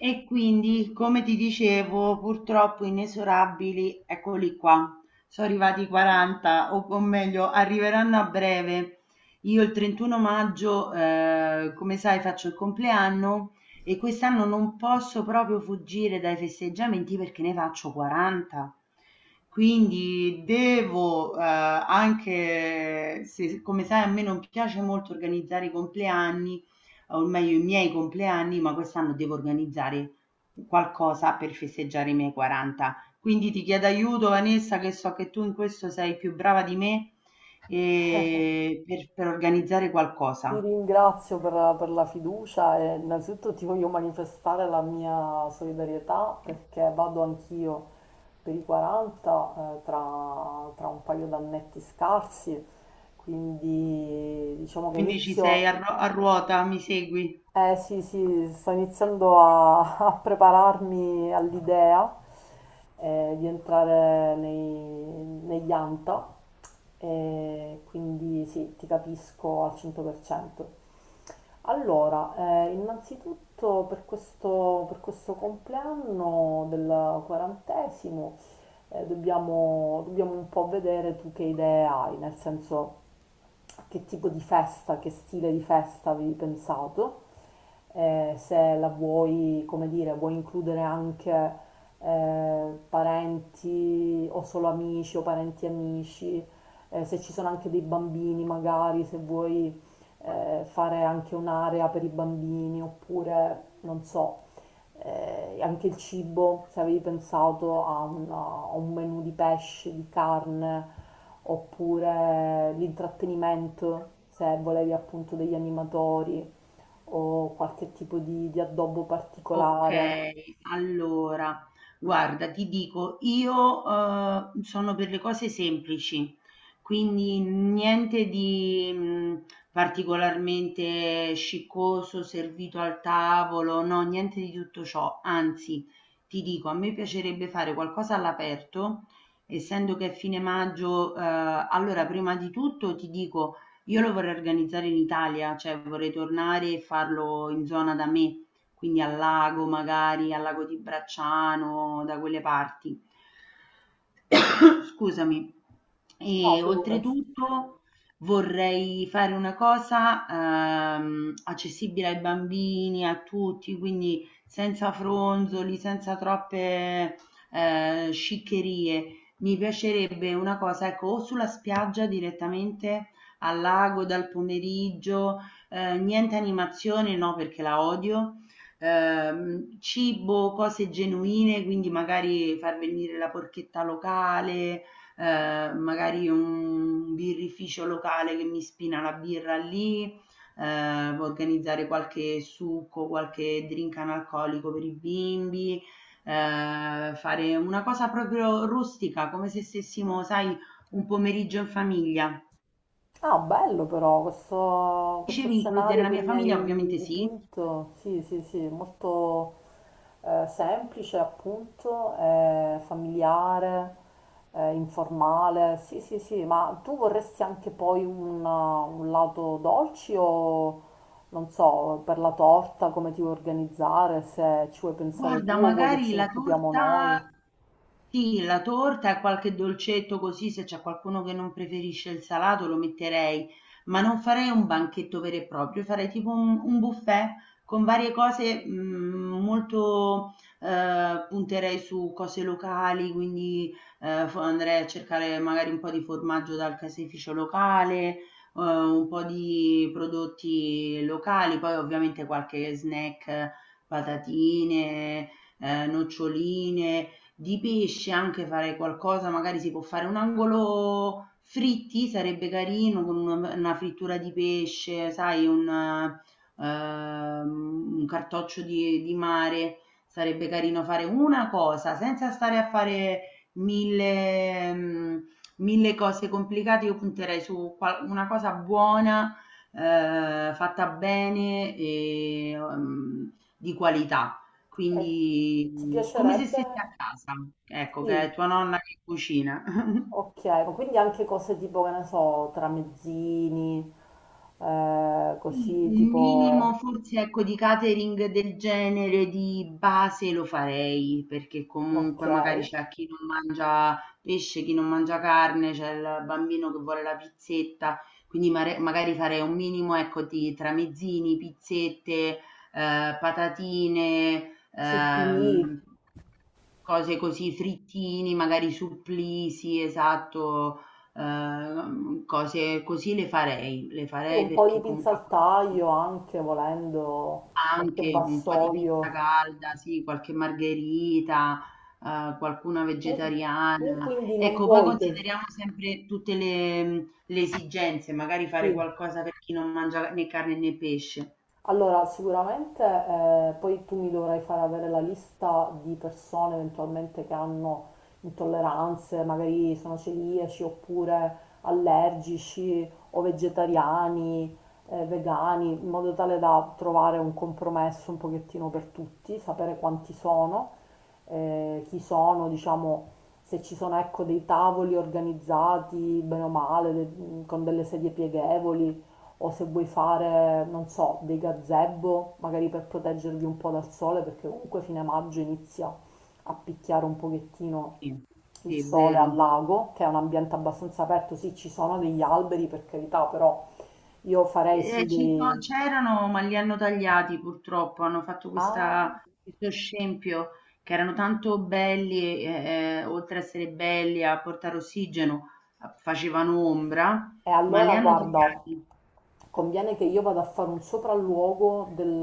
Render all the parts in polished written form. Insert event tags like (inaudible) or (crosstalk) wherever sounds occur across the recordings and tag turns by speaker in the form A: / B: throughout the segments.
A: E quindi, come ti dicevo, purtroppo inesorabili, eccoli qua. Sono arrivati i 40, o meglio, arriveranno a breve. Io il 31 maggio, come sai, faccio il compleanno e quest'anno non posso proprio fuggire dai festeggiamenti perché ne faccio 40. Quindi devo, anche se, come sai, a me non piace molto organizzare i compleanni, o meglio i miei compleanni, ma quest'anno devo organizzare qualcosa per festeggiare i miei 40. Quindi ti chiedo aiuto, Vanessa, che so che tu in questo sei più brava di me e per organizzare
B: Ti
A: qualcosa.
B: ringrazio per la fiducia e innanzitutto ti voglio manifestare la mia solidarietà perché vado anch'io per i 40 tra un paio d'annetti scarsi, quindi diciamo che
A: Quindi ci sei a, a ruota, mi segui?
B: sì, sì, sto iniziando a, (laughs) a prepararmi all'idea di entrare negli ANTA, e quindi sì, ti capisco al 100%. Allora, innanzitutto per questo compleanno del quarantesimo dobbiamo un po' vedere tu che idee hai, nel senso che tipo di festa, che stile di festa avevi pensato, se la vuoi, come dire, vuoi includere anche parenti o solo amici o parenti amici, se ci sono anche dei bambini magari, se vuoi fare anche un'area per i bambini oppure, non so, anche il cibo, se avevi pensato a un menù di pesce, di carne, oppure l'intrattenimento, se volevi appunto degli animatori o qualche tipo di addobbo
A: Ok,
B: particolare.
A: allora, guarda, ti dico, io sono per le cose semplici, quindi niente di particolarmente sciccoso, servito al tavolo, no, niente di tutto ciò. Anzi, ti dico, a me piacerebbe fare qualcosa all'aperto, essendo che è fine maggio, allora, prima di tutto ti dico, io lo vorrei organizzare in Italia, cioè vorrei tornare e farlo in zona da me quindi al lago magari, al lago di Bracciano, da quelle parti. (coughs) Scusami.
B: No,
A: E
B: figurati.
A: oltretutto vorrei fare una cosa accessibile ai bambini, a tutti, quindi senza fronzoli, senza troppe sciccherie. Mi piacerebbe una cosa, ecco, o sulla spiaggia direttamente al lago dal pomeriggio, niente animazione, no, perché la odio. Cibo, cose genuine, quindi magari far venire la porchetta locale, magari un birrificio locale che mi spina la birra lì, organizzare qualche succo, qualche drink analcolico per i bimbi, fare una cosa proprio rustica, come se stessimo, sai, un pomeriggio in famiglia.
B: Ah, bello però questo
A: Dicevi includere
B: scenario
A: la
B: che
A: mia
B: mi
A: famiglia?
B: hai
A: Ovviamente sì.
B: dipinto. Sì, sì, sì, molto semplice appunto, familiare, informale. Sì, sì, sì, ma tu vorresti anche poi un lato dolci o non so, per la torta come ti vuoi organizzare, se ci vuoi pensare tu
A: Guarda,
B: o vuoi che
A: magari
B: ce ne
A: la
B: occupiamo
A: torta.
B: noi?
A: Sì, la torta e qualche dolcetto così, se c'è qualcuno che non preferisce il salato lo metterei, ma non farei un banchetto vero e proprio, farei tipo un buffet con varie cose, molto, punterei su cose locali, quindi andrei a cercare magari un po' di formaggio dal caseificio locale, un po' di prodotti locali, poi ovviamente qualche snack, patatine, noccioline. Di pesce anche farei qualcosa, magari si può fare un angolo fritti, sarebbe carino con una frittura di pesce, sai, un cartoccio di mare, sarebbe carino fare una cosa senza stare a fare mille, mm, mille cose complicate. Io punterei su una cosa buona, fatta bene e di qualità.
B: E
A: Quindi,
B: ti
A: come se
B: piacerebbe?
A: stessi a casa, ecco, che è
B: Sì,
A: tua nonna che cucina.
B: ok, ma quindi anche cose tipo, che ne so, tramezzini,
A: Sì,
B: così
A: un minimo
B: tipo,
A: forse ecco di catering del genere di base lo farei, perché
B: ok,
A: comunque magari c'è chi non mangia pesce, chi non mangia carne, c'è il bambino che vuole la pizzetta, quindi magari farei un minimo ecco di tramezzini, pizzette, patatine,
B: supplì,
A: ehm, cose così, frittini, magari supplì, sì, esatto. Cose così le
B: sì,
A: farei
B: un po'
A: perché
B: di pinza
A: comunque
B: al taglio anche volendo, qualche
A: anche un po' di pizza
B: vassoio.
A: calda, sì, qualche margherita, qualcuna
B: Tu, tu
A: vegetariana.
B: quindi non
A: Ecco, poi
B: vuoi che...
A: consideriamo sempre tutte le esigenze, magari fare
B: Sì.
A: qualcosa per chi non mangia né carne né pesce.
B: Allora, sicuramente poi tu mi dovrai fare avere la lista di persone eventualmente che hanno intolleranze, magari sono celiaci oppure allergici o vegetariani, vegani, in modo tale da trovare un compromesso un pochettino per tutti, sapere quanti sono, chi sono, diciamo, se ci sono ecco, dei tavoli organizzati bene o male, con delle sedie pieghevoli o se vuoi fare, non so, dei gazebo, magari per proteggervi un po' dal sole, perché comunque fine maggio inizia a picchiare un pochettino
A: Sì,
B: il
A: sì, è
B: sole al
A: vero.
B: lago, che è un ambiente abbastanza aperto, sì, ci sono degli alberi per carità, però io farei sì dei...
A: C'erano, ma li hanno tagliati purtroppo. Hanno fatto
B: Ah,
A: questo scempio, che erano tanto belli, oltre a essere belli a portare ossigeno, facevano ombra,
B: e
A: ma li
B: allora
A: hanno
B: guarda,
A: tagliati.
B: conviene che io vada a fare un sopralluogo del,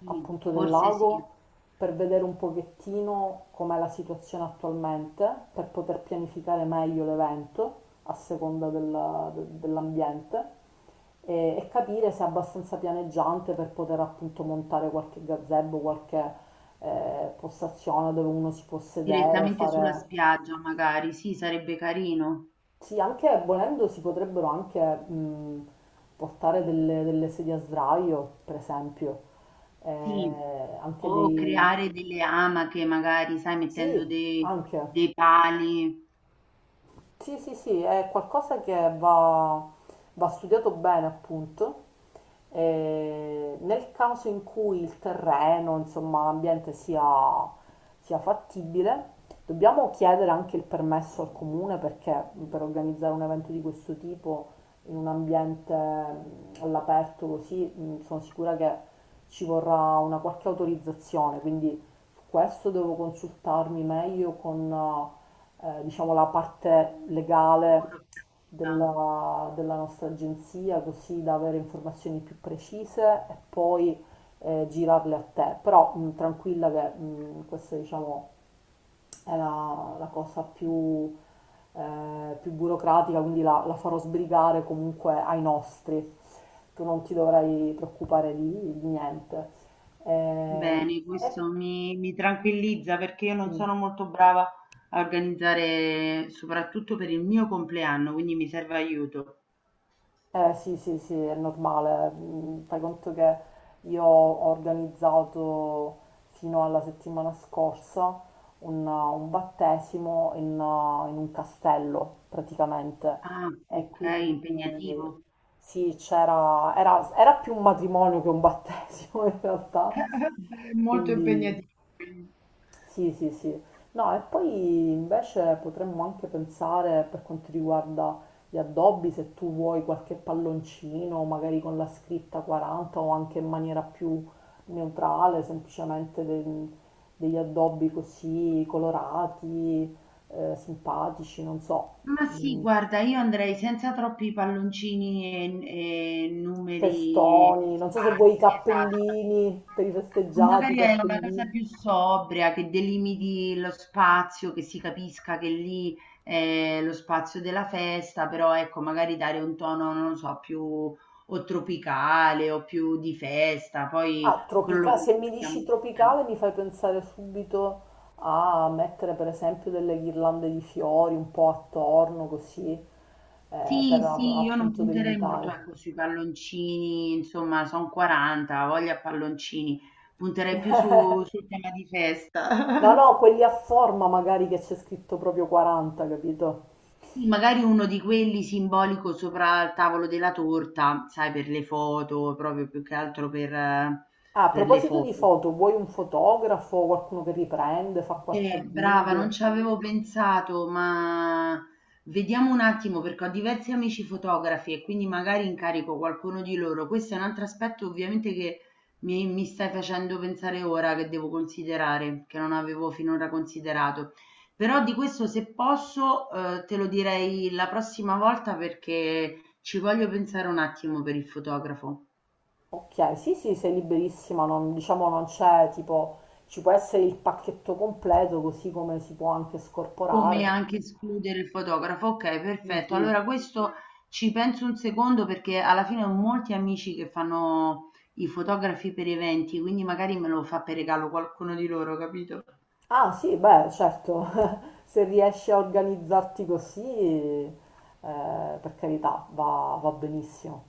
A: Sì,
B: appunto del
A: forse sì,
B: lago, per vedere un pochettino com'è la situazione attualmente, per poter pianificare meglio l'evento a seconda dell'ambiente e capire se è abbastanza pianeggiante per poter appunto montare qualche gazebo, qualche postazione dove uno si può sedere,
A: direttamente sulla
B: fare...
A: spiaggia, magari. Sì, sarebbe carino.
B: Sì, anche volendo si potrebbero anche portare delle sedie a sdraio, per esempio.
A: Sì.
B: Anche
A: O
B: dei...
A: creare delle amache, magari, sai, mettendo
B: Sì, anche.
A: dei pali
B: Sì, sì, sì, è qualcosa che va studiato bene, appunto. E nel caso in cui il terreno, insomma, l'ambiente sia fattibile, dobbiamo chiedere anche il permesso al comune perché per organizzare un evento di questo tipo in un ambiente all'aperto così, sono sicura che ci vorrà una qualche autorizzazione, quindi su questo devo consultarmi meglio con diciamo, la parte legale
A: burocratica.
B: della nostra agenzia, così da avere informazioni più precise e poi girarle a te. Però tranquilla che questa, diciamo, è la cosa più, più burocratica, quindi la farò sbrigare comunque ai nostri. Tu non ti dovrai preoccupare di niente. Eh,
A: Bene, questo mi tranquillizza perché io non
B: e-
A: sono molto brava a organizzare, soprattutto per il mio compleanno, quindi mi serve aiuto.
B: Eh sì, sì, sì, è normale. Mm, fai conto che io ho organizzato fino alla settimana scorsa un battesimo in un castello praticamente
A: Ah,
B: e
A: ok,
B: quindi
A: impegnativo.
B: sì, era più un matrimonio che un battesimo (laughs) in realtà,
A: (laughs) Molto
B: quindi
A: impegnativo.
B: sì, sì, sì. No, e poi invece potremmo anche pensare per quanto riguarda gli addobbi, se tu vuoi qualche palloncino, magari con la scritta 40 o anche in maniera più neutrale, semplicemente degli addobbi così colorati, simpatici, non so,
A: Ma sì,
B: mm,
A: guarda, io andrei senza troppi palloncini e numeri
B: festoni, non so se vuoi i
A: sparsi, esatto.
B: cappellini per i festeggiati, i
A: Magari è una cosa
B: cappellini.
A: più sobria, che delimiti lo spazio, che si capisca che lì è lo spazio della festa, però ecco, magari dare un tono, non lo so, più o tropicale o più di festa, poi
B: Ah,
A: quello lo
B: se mi
A: condividiamo
B: dici
A: insieme.
B: tropicale mi fai pensare subito a mettere per esempio delle ghirlande di fiori un po' attorno così,
A: Sì,
B: per
A: sì, io non
B: appunto
A: punterei molto,
B: delimitare.
A: ecco, sui palloncini, insomma, son 40, ho voglia a palloncini. Punterei più
B: (laughs)
A: su, sul tema di
B: No,
A: festa.
B: no,
A: (laughs)
B: quelli a forma magari che c'è scritto proprio 40, capito?
A: Sì, magari uno di quelli simbolico sopra il tavolo della torta, sai, per le foto, proprio più che altro
B: Ah, a
A: per le
B: proposito di
A: foto.
B: foto, vuoi un fotografo, qualcuno che riprende, fa qualche
A: Brava, non
B: video?
A: ci avevo pensato, ma vediamo un attimo perché ho diversi amici fotografi e quindi magari incarico qualcuno di loro. Questo è un altro aspetto ovviamente che mi stai facendo pensare ora che devo considerare, che non avevo finora considerato. Però di questo se posso, te lo direi la prossima volta perché ci voglio pensare un attimo per il fotografo.
B: Ok, sì, sì, sei liberissima, non, diciamo non c'è tipo, ci può essere il pacchetto completo così come si può anche
A: Come
B: scorporare.
A: anche escludere il fotografo, okay, perfetto.
B: Mh-mh.
A: Allora questo ci penso un secondo perché alla fine ho molti amici che fanno i fotografi per eventi, quindi magari me lo fa per regalo qualcuno di loro, capito?
B: Ah sì, beh, certo, (laughs) se riesci a organizzarti così, per carità, va benissimo.